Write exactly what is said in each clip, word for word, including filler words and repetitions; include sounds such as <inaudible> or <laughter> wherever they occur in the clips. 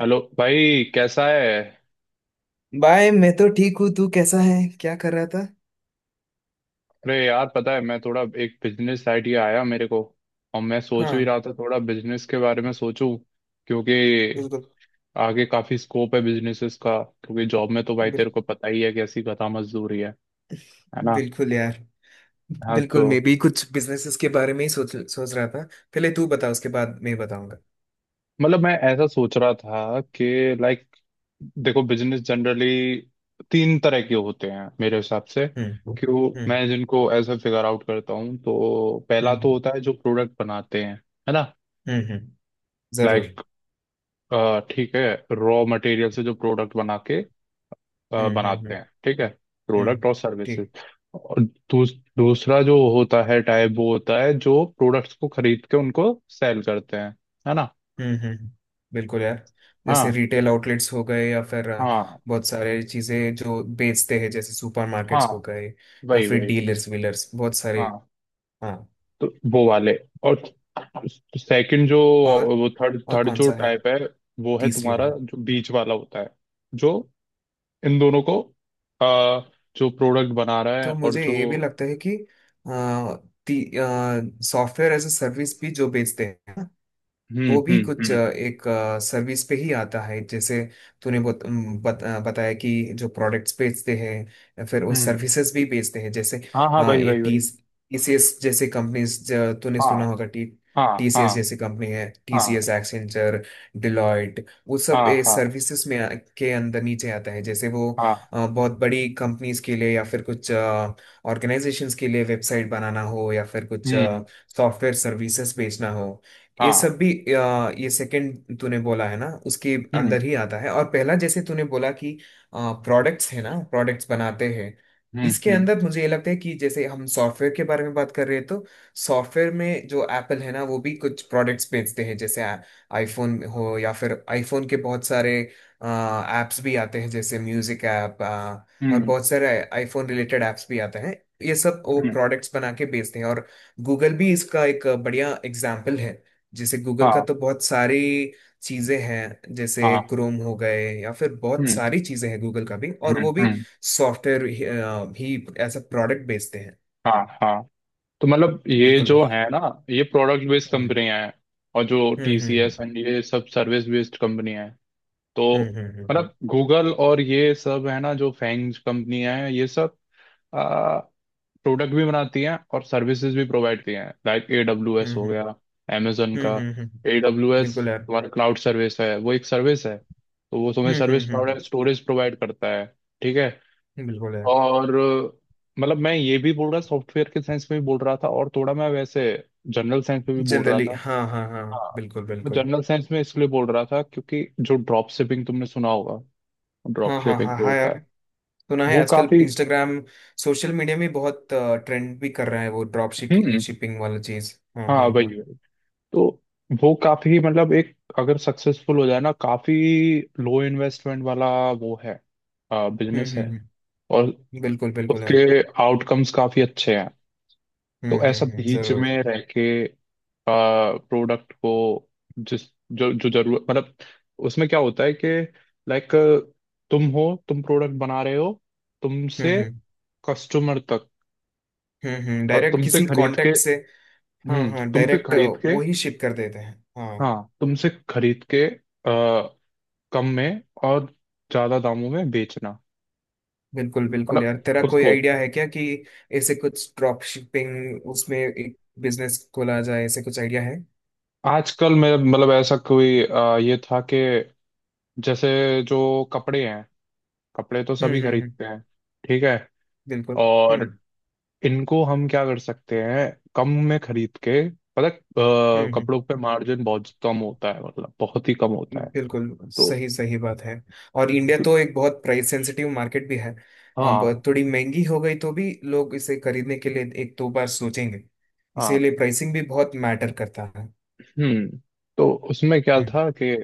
Hello भाई, कैसा है? बाय, मैं तो ठीक हूँ। तू कैसा है? क्या कर रहा था? अरे यार, पता है मैं थोड़ा एक बिजनेस आइडिया आया मेरे को। और मैं सोच हाँ। भी रहा था थोड़ा बिजनेस के बारे में सोचूं। क्योंकि बिल्कुल। आगे काफी स्कोप है बिजनेसेस का। क्योंकि जॉब में तो भाई बिल, तेरे को पता ही है कैसी गधा मजदूरी है है ना। बिल्कुल यार। हाँ बिल्कुल, तो मैं भी कुछ बिजनेसेस के बारे में ही सोच सोच रहा था। पहले तू बता, उसके बाद मैं बताऊंगा। मतलब मैं ऐसा सोच रहा था कि, लाइक, देखो बिजनेस जनरली तीन तरह के होते हैं मेरे हिसाब से। हम्म, क्यों हम्म, मैं जिनको ऐसा फिगर आउट करता हूँ तो हम्म, पहला तो हम्म। होता है जो प्रोडक्ट बनाते हैं, है ना। हम्म, हम्म। जरूर। लाइक, ठीक है, रॉ मटेरियल से जो प्रोडक्ट बना के अ, हम्म, हम्म, बनाते हम्म, हैं, ठीक है। हम्म। प्रोडक्ट और सर्विसेज। ठीक। और दूस, दूसरा जो होता है टाइप वो होता है जो प्रोडक्ट्स को खरीद के उनको सेल करते हैं, है ना। हम्म, हम्म, हम्म। बिल्कुल यार। जैसे हाँ रिटेल आउटलेट्स हो गए, या फिर अ, हाँ बहुत सारे चीजें जो बेचते हैं, जैसे हाँ, सुपरमार्केट्स हो गए, या वही फिर वही। डीलर्स वीलर्स बहुत सारे। हाँ हाँ। तो वो वाले। और सेकंड जो, और? वो थर्ड और थर्ड कौन जो सा है? टाइप है, वो है तीसरी तुम्हारा वाला। जो बीच वाला होता है। जो इन दोनों को, अ, जो प्रोडक्ट बना रहा है तो और मुझे जो। ये भी लगता है कि सॉफ्टवेयर एज ए सर्विस भी जो बेचते हैं, हम्म वो भी हम्म कुछ अ, हम्म एक अ, सर्विस पे ही आता है। जैसे तूने बत, अम, बत, अ, बताया कि जो प्रोडक्ट्स बेचते हैं, फिर वो हम्म। सर्विसेज भी बेचते हैं। जैसे हाँ हाँ, अ, भाई ये भाई भाई। टीस टीसीएस जैसे कंपनीज। तूने हाँ सुना होगा। टी हाँ हाँ टीसीएस जैसी कंपनी है, टीसीएस, हाँ एक्सेंचर, डिलॉयट, वो सब हाँ हाँ सर्विसेज में आ- के अंदर, नीचे आता है। जैसे वो हाँ। अ, बहुत बड़ी कंपनीज के लिए, या फिर कुछ ऑर्गेनाइजेशंस के लिए वेबसाइट बनाना हो, या फिर कुछ हम्म। सॉफ्टवेयर सर्विसेज बेचना हो, ये सब हाँ। भी अ, ये सेकंड तूने बोला है ना, उसके हम्म अंदर ही आता है। और पहला, जैसे तूने बोला कि प्रोडक्ट्स है ना, प्रोडक्ट्स बनाते हैं। हम्म इसके हम्म अंदर मुझे ये लगता है कि जैसे हम सॉफ्टवेयर के बारे में बात कर रहे हैं, तो सॉफ्टवेयर में जो एप्पल है ना, वो भी कुछ प्रोडक्ट्स बेचते हैं, जैसे आईफोन हो, या फिर आईफोन के बहुत सारे ऐप्स भी आते हैं, जैसे म्यूजिक ऐप, और हम्म बहुत सारे आईफोन रिलेटेड ऐप्स भी आते हैं। ये सब वो हम्म। प्रोडक्ट्स बना के बेचते हैं। और गूगल भी इसका एक बढ़िया एग्जाम्पल है। जैसे गूगल का हाँ तो बहुत सारी चीजें हैं, जैसे हाँ। क्रोम हो गए, या फिर बहुत हम्म सारी चीजें हैं गूगल का भी, और हम्म वो भी हम्म। सॉफ्टवेयर ही अ, भी एज अ प्रोडक्ट बेचते हैं। हाँ हाँ तो मतलब ये बिल्कुल जो यार। है ना, ये प्रोडक्ट बेस्ड हम्म, कंपनियां हैं। और जो हम्म, हम्म, टीसीएस एंड ये सब सर्विस बेस्ड कंपनियां हैं। तो हम्म, हम्म, मतलब गूगल और ये सब है ना जो फैंग कंपनियां हैं, ये सब प्रोडक्ट भी बनाती हैं और सर्विसेज भी प्रोवाइड किए हैं, लाइक ए डब्ल्यू एस हम्म, हो हम्म, गया amazon हम्म, का। हम्म, हम्म, हम्म, हम्म, ए हम्म। डब्ल्यू एस बिल्कुल यार। तुम्हारा क्लाउड सर्विस है, वो एक सर्विस है, तो वो तुम्हें हम्म, सर्विस हम्म, प्रोवाइड हम्म, स्टोरेज प्रोवाइड करता है, ठीक है। हम्म। बिल्कुल यार। और अ, मतलब मैं ये भी बोल रहा सॉफ्टवेयर के साइंस में भी बोल रहा था और थोड़ा मैं वैसे जनरल साइंस में भी बोल रहा जनरली, था। हाँ, हाँ, हाँ। हाँ बिल्कुल मैं बिल्कुल। जनरल साइंस में इसलिए बोल रहा था क्योंकि जो ड्रॉप शिपिंग तुमने सुना होगा। ड्रॉप हाँ, हाँ, शिपिंग हाँ, जो हाँ होता यार। है सुना है, वो आजकल काफी। इंस्टाग्राम, सोशल मीडिया में बहुत ट्रेंड भी कर रहा है वो ड्रॉप हम्म। शिपिंग वाला चीज। हाँ, हाँ हाँ, वही हाँ। वही। तो वो काफी मतलब, एक अगर सक्सेसफुल हो जाए ना, काफी लो इन्वेस्टमेंट वाला वो है, हम्म, बिजनेस हम्म, है। हम्म। और बिल्कुल बिल्कुल यार। उसके आउटकम्स काफी अच्छे हैं। हम्म, तो हम्म, ऐसा हम्म। बीच में जरूर। रह के प्रोडक्ट को, जिस, जो जो जरूरत मतलब, उसमें क्या होता है कि, लाइक, तुम हो, तुम प्रोडक्ट बना रहे हो, तुमसे हम्म, हम्म, कस्टमर तक। हम्म, हम्म। और डायरेक्ट तुमसे किसी खरीद के, कांटेक्ट से। हाँ, हम्म, हाँ, तुमसे डायरेक्ट खरीद के, वो ही शिप कर देते हैं। हाँ। हाँ तुमसे खरीद के कम में और ज्यादा दामों में बेचना। बिल्कुल बिल्कुल मतलब यार। तेरा कोई उसको, आइडिया है क्या कि ऐसे कुछ ड्रॉप शिपिंग उसमें एक बिजनेस खोला जाए, ऐसे कुछ आइडिया है? आजकल में मतलब ऐसा कोई, अ, ये था कि जैसे जो कपड़े हैं, कपड़े तो हम्म, सभी हम्म, हम्म। खरीदते हैं, ठीक है। बिल्कुल। और हम्म, इनको हम क्या कर सकते हैं? कम में खरीद के, पता है, अ, हम्म, हम्म। कपड़ों पे मार्जिन बहुत कम होता है, मतलब बहुत ही कम होता है। बिल्कुल, तो सही सही बात है। और इंडिया तो एक बहुत प्राइस सेंसिटिव मार्केट भी है। अ, हाँ बहुत थोड़ी महंगी हो गई तो भी लोग इसे खरीदने के लिए एक दो बार सोचेंगे। हाँ। इसीलिए प्राइसिंग भी बहुत मैटर करता है। हम्म। तो उसमें क्या हम्म, था कि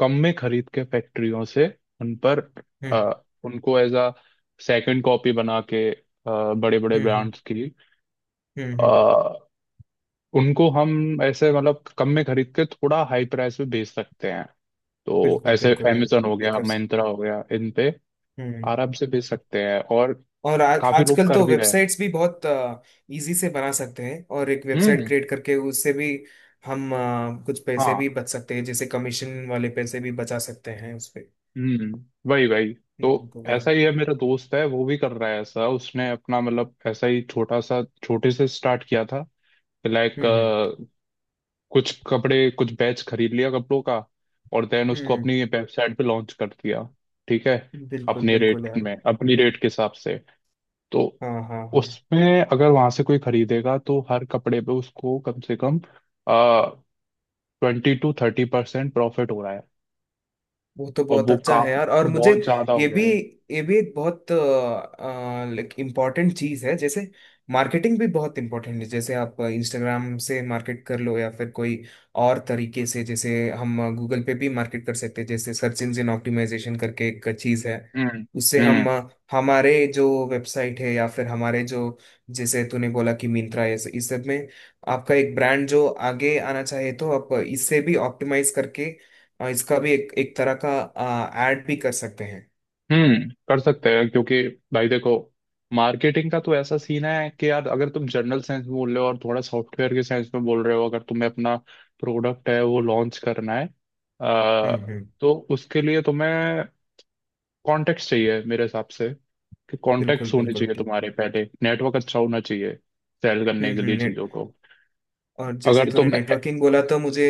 कम में खरीद के फैक्ट्रियों से उन पर, हम्म, अ, उनको एज अ सेकंड कॉपी बना के बड़े बड़े हम्म, हम्म, ब्रांड्स की, हम्म, हम्म। अ, उनको हम ऐसे मतलब कम में खरीद के थोड़ा हाई प्राइस पे बेच सकते हैं। तो बिल्कुल ऐसे बिल्कुल है। Amazon हो गया, बिकॉज। Myntra हो गया, इन पे हम्म। आराम से बेच सकते हैं और और आज काफी लोग आजकल कर तो भी रहे हैं। वेबसाइट्स भी बहुत इजी से बना सकते हैं, और एक वेबसाइट हम्म। क्रिएट करके उससे भी हम अ, कुछ पैसे हाँ। भी बच सकते हैं, जैसे कमीशन वाले पैसे भी बचा सकते हैं उस पे। हम्म वही वही। तो बिल्कुल यार। ऐसा ही है, मेरा दोस्त है वो भी कर रहा है ऐसा, उसने अपना मतलब ऐसा ही छोटा सा छोटे से स्टार्ट किया था। लाइक, हम्म, हम्म, कुछ कपड़े कुछ बैच खरीद लिया कपड़ों का। और देन उसको हम्म। अपनी वेबसाइट पे लॉन्च कर दिया, ठीक है, बिल्कुल अपने बिल्कुल रेट यार। में अपनी रेट के हिसाब से। तो हाँ, हाँ, हाँ, उसमें अगर वहां से कोई खरीदेगा तो हर कपड़े पे उसको कम से कम twenty to thirty percent profit हो रहा है। वो तो और बहुत वो अच्छा है काफी यार। और मुझे बहुत ज्यादा हो ये गया भी है। ये भी एक बहुत लाइक इम्पोर्टेंट चीज़ है, जैसे मार्केटिंग भी बहुत इम्पोर्टेंट है। जैसे आप इंस्टाग्राम से मार्केट कर लो, या फिर कोई और तरीके से, जैसे हम गूगल पे भी मार्केट कर सकते हैं। जैसे सर्च इंजन ऑप्टिमाइजेशन करके एक चीज़ है, हम्म उससे हम हम्म। अ, हमारे जो वेबसाइट है, या फिर हमारे जो जैसे तूने बोला कि मिंत्रा है, इस सब में आपका एक ब्रांड जो आगे आना चाहिए, तो आप इससे भी ऑप्टिमाइज करके, और इसका भी एक एक तरह का ऐड भी कर सकते हैं। हम्म कर सकते हैं क्योंकि भाई देखो मार्केटिंग का तो ऐसा सीन है कि यार, अगर तुम जनरल सेंस में बोल रहे हो और थोड़ा सॉफ्टवेयर के सेंस में बोल रहे हो, अगर तुम्हें अपना प्रोडक्ट है वो लॉन्च करना है, हम्म, अ, हम्म। तो उसके लिए तुम्हें कॉन्टेक्ट चाहिए मेरे हिसाब से। कि बिल्कुल कॉन्टेक्ट होने बिल्कुल चाहिए ठीक। तुम्हारे, पहले नेटवर्क अच्छा होना चाहिए सेल हम्म, करने के हम्म। लिए नेट चीजों को। और जैसे अगर तूने तुम, नेटवर्किंग बोला तो मुझे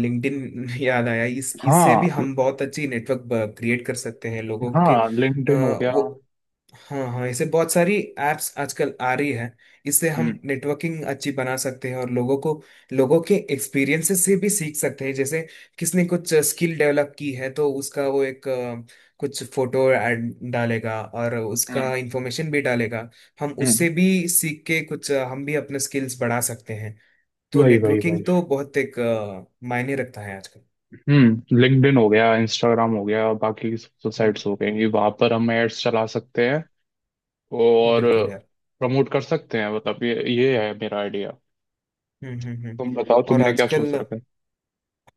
लिंक्डइन <laughs> याद आया। इस इससे भी हाँ हम बहुत अच्छी नेटवर्क क्रिएट कर सकते हैं लोगों के। हाँ, अ, लिंक्डइन हो गया। वो हाँ, हाँ, ऐसे बहुत सारी एप्स आजकल आ रही है। इससे हम हम्म नेटवर्किंग अच्छी बना सकते हैं, और लोगों को लोगों के एक्सपीरियंसेस से भी सीख सकते हैं। जैसे किसने कुछ स्किल डेवलप की है, तो उसका वो एक अ, कुछ फोटो ऐड डालेगा, और उसका हम्म इंफॉर्मेशन भी डालेगा। हम हम्म उससे भी सीख के कुछ अ, हम भी अपने स्किल्स बढ़ा सकते हैं। तो वही वही नेटवर्किंग वही। तो बहुत एक अ, मायने रखता है आजकल। हम्म लिंक्डइन हो गया, इंस्टाग्राम हो गया, बाकी हम्म, साइट्स हो गई, वहां पर हम एड्स चला सकते हैं और बिल्कुल यार। प्रमोट कर सकते हैं, मतलब ये ये है मेरा आइडिया। हम्म, हम्म, हम्म। तुम बताओ और तुमने क्या आजकल, सोच रखा है?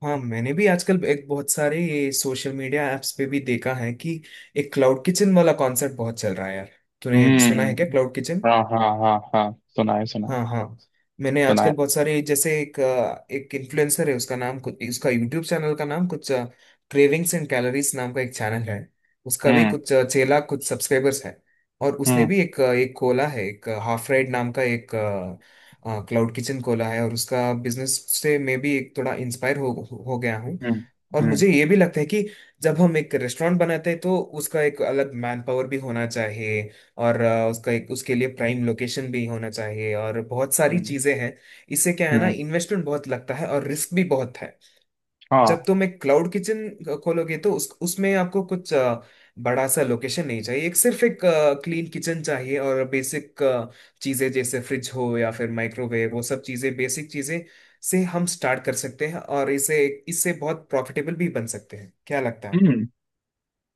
हाँ, मैंने भी आजकल एक बहुत सारे ये सोशल मीडिया एप्स पे भी देखा है कि एक क्लाउड किचन वाला कॉन्सेप्ट बहुत चल रहा है यार। तूने सुना है क्या, हम्म। Cloud kitchen? हाँ हाँ हाँ हाँ। सुनाए सुनाए हाँ, हाँ। मैंने सुनाए। आजकल बहुत सारे, जैसे एक अ, एक इन्फ्लुएंसर है, उसका नाम कुछ उसका यूट्यूब चैनल का नाम कुछ क्रेविंग्स एंड कैलोरीज नाम का एक चैनल है। उसका भी हम्म कुछ अ, छह लाख कुछ सब्सक्राइबर्स है। और उसने हम्म भी एक अ, एक खोला है, एक हाफ राइड नाम का एक क्लाउड किचन खोला है। और उसका बिजनेस से मैं भी एक थोड़ा इंस्पायर हो हो गया हूँ। हम्म और हम्म मुझे ये भी लगता है कि जब हम एक रेस्टोरेंट बनाते हैं तो उसका एक अलग मैन पावर भी होना चाहिए, और अ, उसका एक उसके लिए प्राइम लोकेशन भी होना चाहिए, और बहुत सारी हम्म चीजें हैं। इससे क्या है ना, हम्म, इन्वेस्टमेंट बहुत लगता है, और रिस्क भी बहुत है। हाँ। जब तुम एक क्लाउड किचन खोलोगे, तो उस उसमें आपको कुछ अ, बड़ा सा लोकेशन नहीं चाहिए। एक, सिर्फ एक क्लीन किचन चाहिए, और बेसिक चीजें, जैसे फ्रिज हो या फिर माइक्रोवेव, वो सब चीजें, बेसिक चीजें से हम स्टार्ट कर सकते हैं, और इसे इससे बहुत प्रॉफिटेबल भी बन सकते हैं। क्या लगता है? हम्म।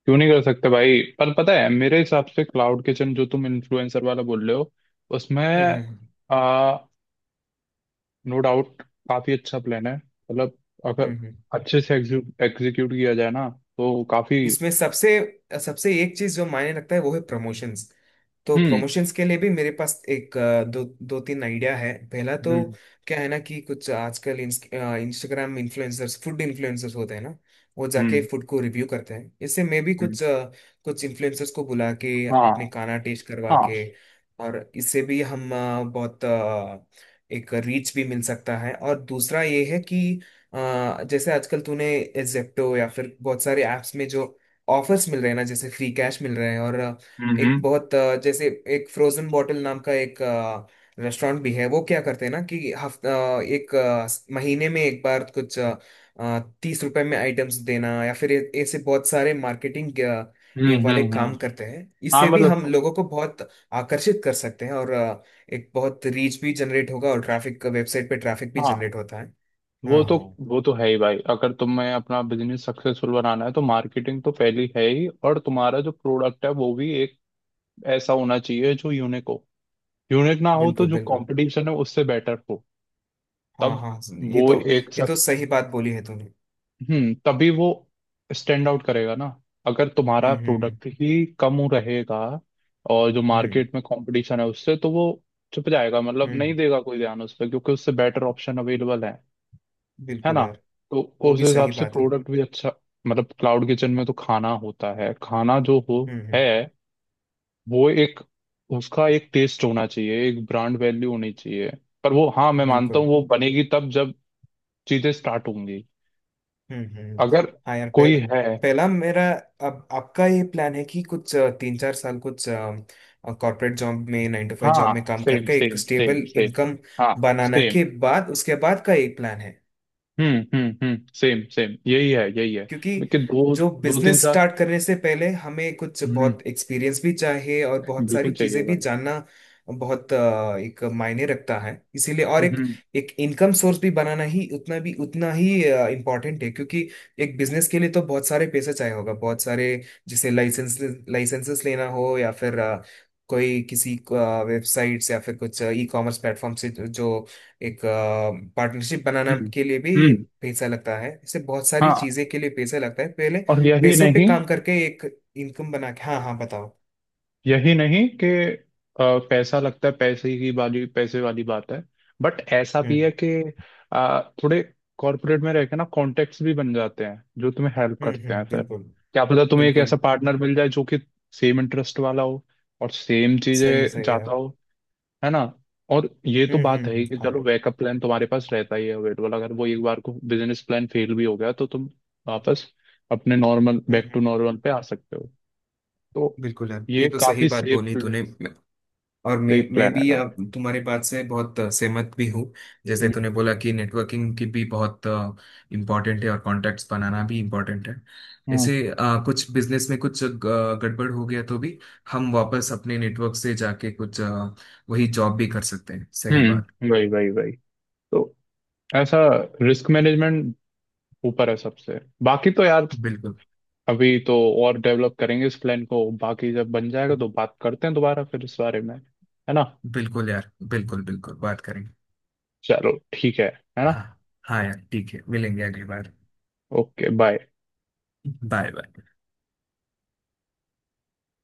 क्यों नहीं कर सकते भाई, पर पता है मेरे हिसाब से क्लाउड किचन जो तुम इन्फ्लुएंसर वाला बोल रहे हो, उसमें हम्म, हम्म, नो डाउट काफी अच्छा प्लान है, मतलब, अगर हम्म, हम्म। अच्छे से एग्जीक्यूट किया जाए ना तो काफी। इसमें सबसे सबसे एक चीज जो मायने रखता है, वो है प्रमोशंस। तो हम्म प्रमोशंस के लिए भी मेरे पास एक अ, दो दो तीन आइडिया है। पहला तो हम्म क्या है ना कि कुछ आजकल इंस्टाग्राम इन्फ्लुएंसर्स, फूड इन्फ्लुएंसर्स होते हैं ना, वो जाके हम्म फूड को रिव्यू करते हैं। इससे मैं भी हम्म, कुछ अ, कुछ इन्फ्लुएंसर्स को बुला के अपने हाँ खाना टेस्ट करवा हाँ। के, और इससे भी हम अ, बहुत अ, एक रीच भी मिल सकता है। और दूसरा ये है कि अ, जैसे आजकल तूने जेप्टो, या फिर बहुत सारे ऐप्स में जो ऑफर्स मिल रहे हैं ना, जैसे फ्री कैश मिल रहे हैं। और हम्म एक हम्म बहुत अ, जैसे एक फ्रोजन बॉटल नाम का एक रेस्टोरेंट भी है, वो क्या करते हैं ना कि हफ्ता एक अ, स- महीने में एक बार कुछ तीस रुपए में आइटम्स देना, या फिर ए- ऐसे बहुत सारे मार्केटिंग ये हम्म वाले हम्म काम हम्म। करते हैं। हाँ इससे भी हम मतलब, लोगों को बहुत आकर्षित कर सकते हैं, और अ, एक बहुत रीच भी जनरेट होगा, और ट्रैफिक, वेबसाइट पे ट्रैफिक भी हाँ जनरेट होता है। हाँ, वो तो, हाँ। वो तो है ही भाई, अगर तुम्हें अपना बिजनेस सक्सेसफुल बनाना है तो मार्केटिंग तो पहली है ही, और तुम्हारा जो प्रोडक्ट है वो भी एक ऐसा होना चाहिए जो यूनिक हो। यूनिक ना हो तो बिल्कुल जो बिल्कुल। कंपटीशन है उससे बेटर हो। हाँ, तब हाँ। ये वो तो एक, ये तो सही बात बोली है तूने। हम्म, तभी वो स्टैंड आउट करेगा ना। अगर तुम्हारा हम्म, हम्म, हम्म, प्रोडक्ट ही कम रहेगा और जो हम्म, मार्केट में कंपटीशन है उससे, तो वो छुप जाएगा, मतलब नहीं हम्म। देगा कोई ध्यान उस पर क्योंकि उससे बेटर ऑप्शन अवेलेबल है है बिल्कुल ना। यार। तो वो उस भी हिसाब सही से बात है। प्रोडक्ट भी अच्छा, मतलब क्लाउड किचन में तो खाना होता है, खाना जो हो हम्म, हम्म। है, वो एक, उसका एक टेस्ट होना चाहिए, एक ब्रांड वैल्यू होनी चाहिए। पर वो हाँ मैं मानता बिल्कुल। हूँ वो बनेगी तब जब चीजें स्टार्ट होंगी। हम्म, हम्म। अगर हाँ यार, कोई पहला है, पहला मेरा। अब आपका ये प्लान है कि कुछ अ, तीन चार साल कुछ कॉर्पोरेट जॉब में, नाइन टू फाइव जॉब हाँ में काम सेम करके एक same same stable same, income हाँ बनाना सेम, के बाद उसके बाद का एक प्लान है? हम्म हम्म हम्म सेम सेम, यही है यही है। क्योंकि लेकिन दो, जो दो तीन बिजनेस साल स्टार्ट करने से पहले हमें कुछ हम्म, बहुत एक्सपीरियंस भी चाहिए, और बहुत बिल्कुल सारी चाहिए चीजें भी वाला। जानना बहुत अ, एक मायने रखता है, इसीलिए। और एक हम्म एक इनकम सोर्स भी बनाना ही उतना भी उतना ही इम्पोर्टेंट है। क्योंकि एक बिजनेस के लिए तो बहुत सारे पैसे चाहिए होगा, बहुत सारे। जैसे लाइसेंस लाइसेंसेस लेना हो, या फिर अ, कोई किसी वेबसाइट्स, या फिर कुछ ई कॉमर्स प्लेटफॉर्म से जो एक पार्टनरशिप बनाना हम्म के लिए भी हम्म, पैसा लगता है। इससे बहुत सारी हाँ। चीजें के लिए पैसा लगता है। पहले और यही पैसों पे नहीं, काम करके एक इनकम बना के। हाँ, हाँ, बताओ। यही नहीं कि अ, पैसा लगता है, पैसे की वाली पैसे वाली बात है, बट ऐसा भी है हम्म, कि अ, थोड़े कॉर्पोरेट में रह के ना कॉन्टेक्ट्स भी बन जाते हैं जो तुम्हें हेल्प हम्म, करते हैं, हम्म। फिर बिल्कुल क्या पता तुम्हें एक बिल्कुल। ऐसा पार्टनर मिल जाए जो कि सेम इंटरेस्ट वाला हो और सेम सही चीजें सही यार। चाहता हो, है ना। और ये तो हम्म, बात हम्म, है ही हम्म, कि हाँ चलो यार। बैकअप प्लान तुम्हारे पास रहता ही है अवेलेबल, अगर वो एक बार को बिजनेस प्लान फेल भी हो गया तो तुम वापस अपने नॉर्मल हम्म, बैक टू हम्म। नॉर्मल पे आ सकते हो। तो बिल्कुल यार, ये ये तो सही काफी बात सेफ बोली है। तूने। और मैं तो एक मैं प्लान है भी आप काफी। तुम्हारी बात से बहुत अ, सहमत भी हूँ। जैसे तूने बोला कि नेटवर्किंग की भी बहुत इम्पोर्टेंट है, और कॉन्टैक्ट्स बनाना भी इम्पोर्टेंट है। हम्म ऐसे अ, कुछ बिजनेस में कुछ ग- गड़बड़ हो गया तो भी हम वापस अपने नेटवर्क से जाके कुछ अ, वही जॉब भी कर सकते हैं। सही बात। हम्म, वही वही वही। तो ऐसा रिस्क मैनेजमेंट ऊपर है सबसे, बाकी तो यार बिल्कुल अभी तो और डेवलप करेंगे इस प्लान को, बाकी जब बन जाएगा तो बात करते हैं दोबारा फिर इस बारे में, है ना। बिल्कुल यार, बिल्कुल बिल्कुल बात करेंगे। चलो, ठीक है है ना। हाँ, हाँ यार ठीक है, मिलेंगे अगली बार। Okay, bye. <laughs> Bye bye.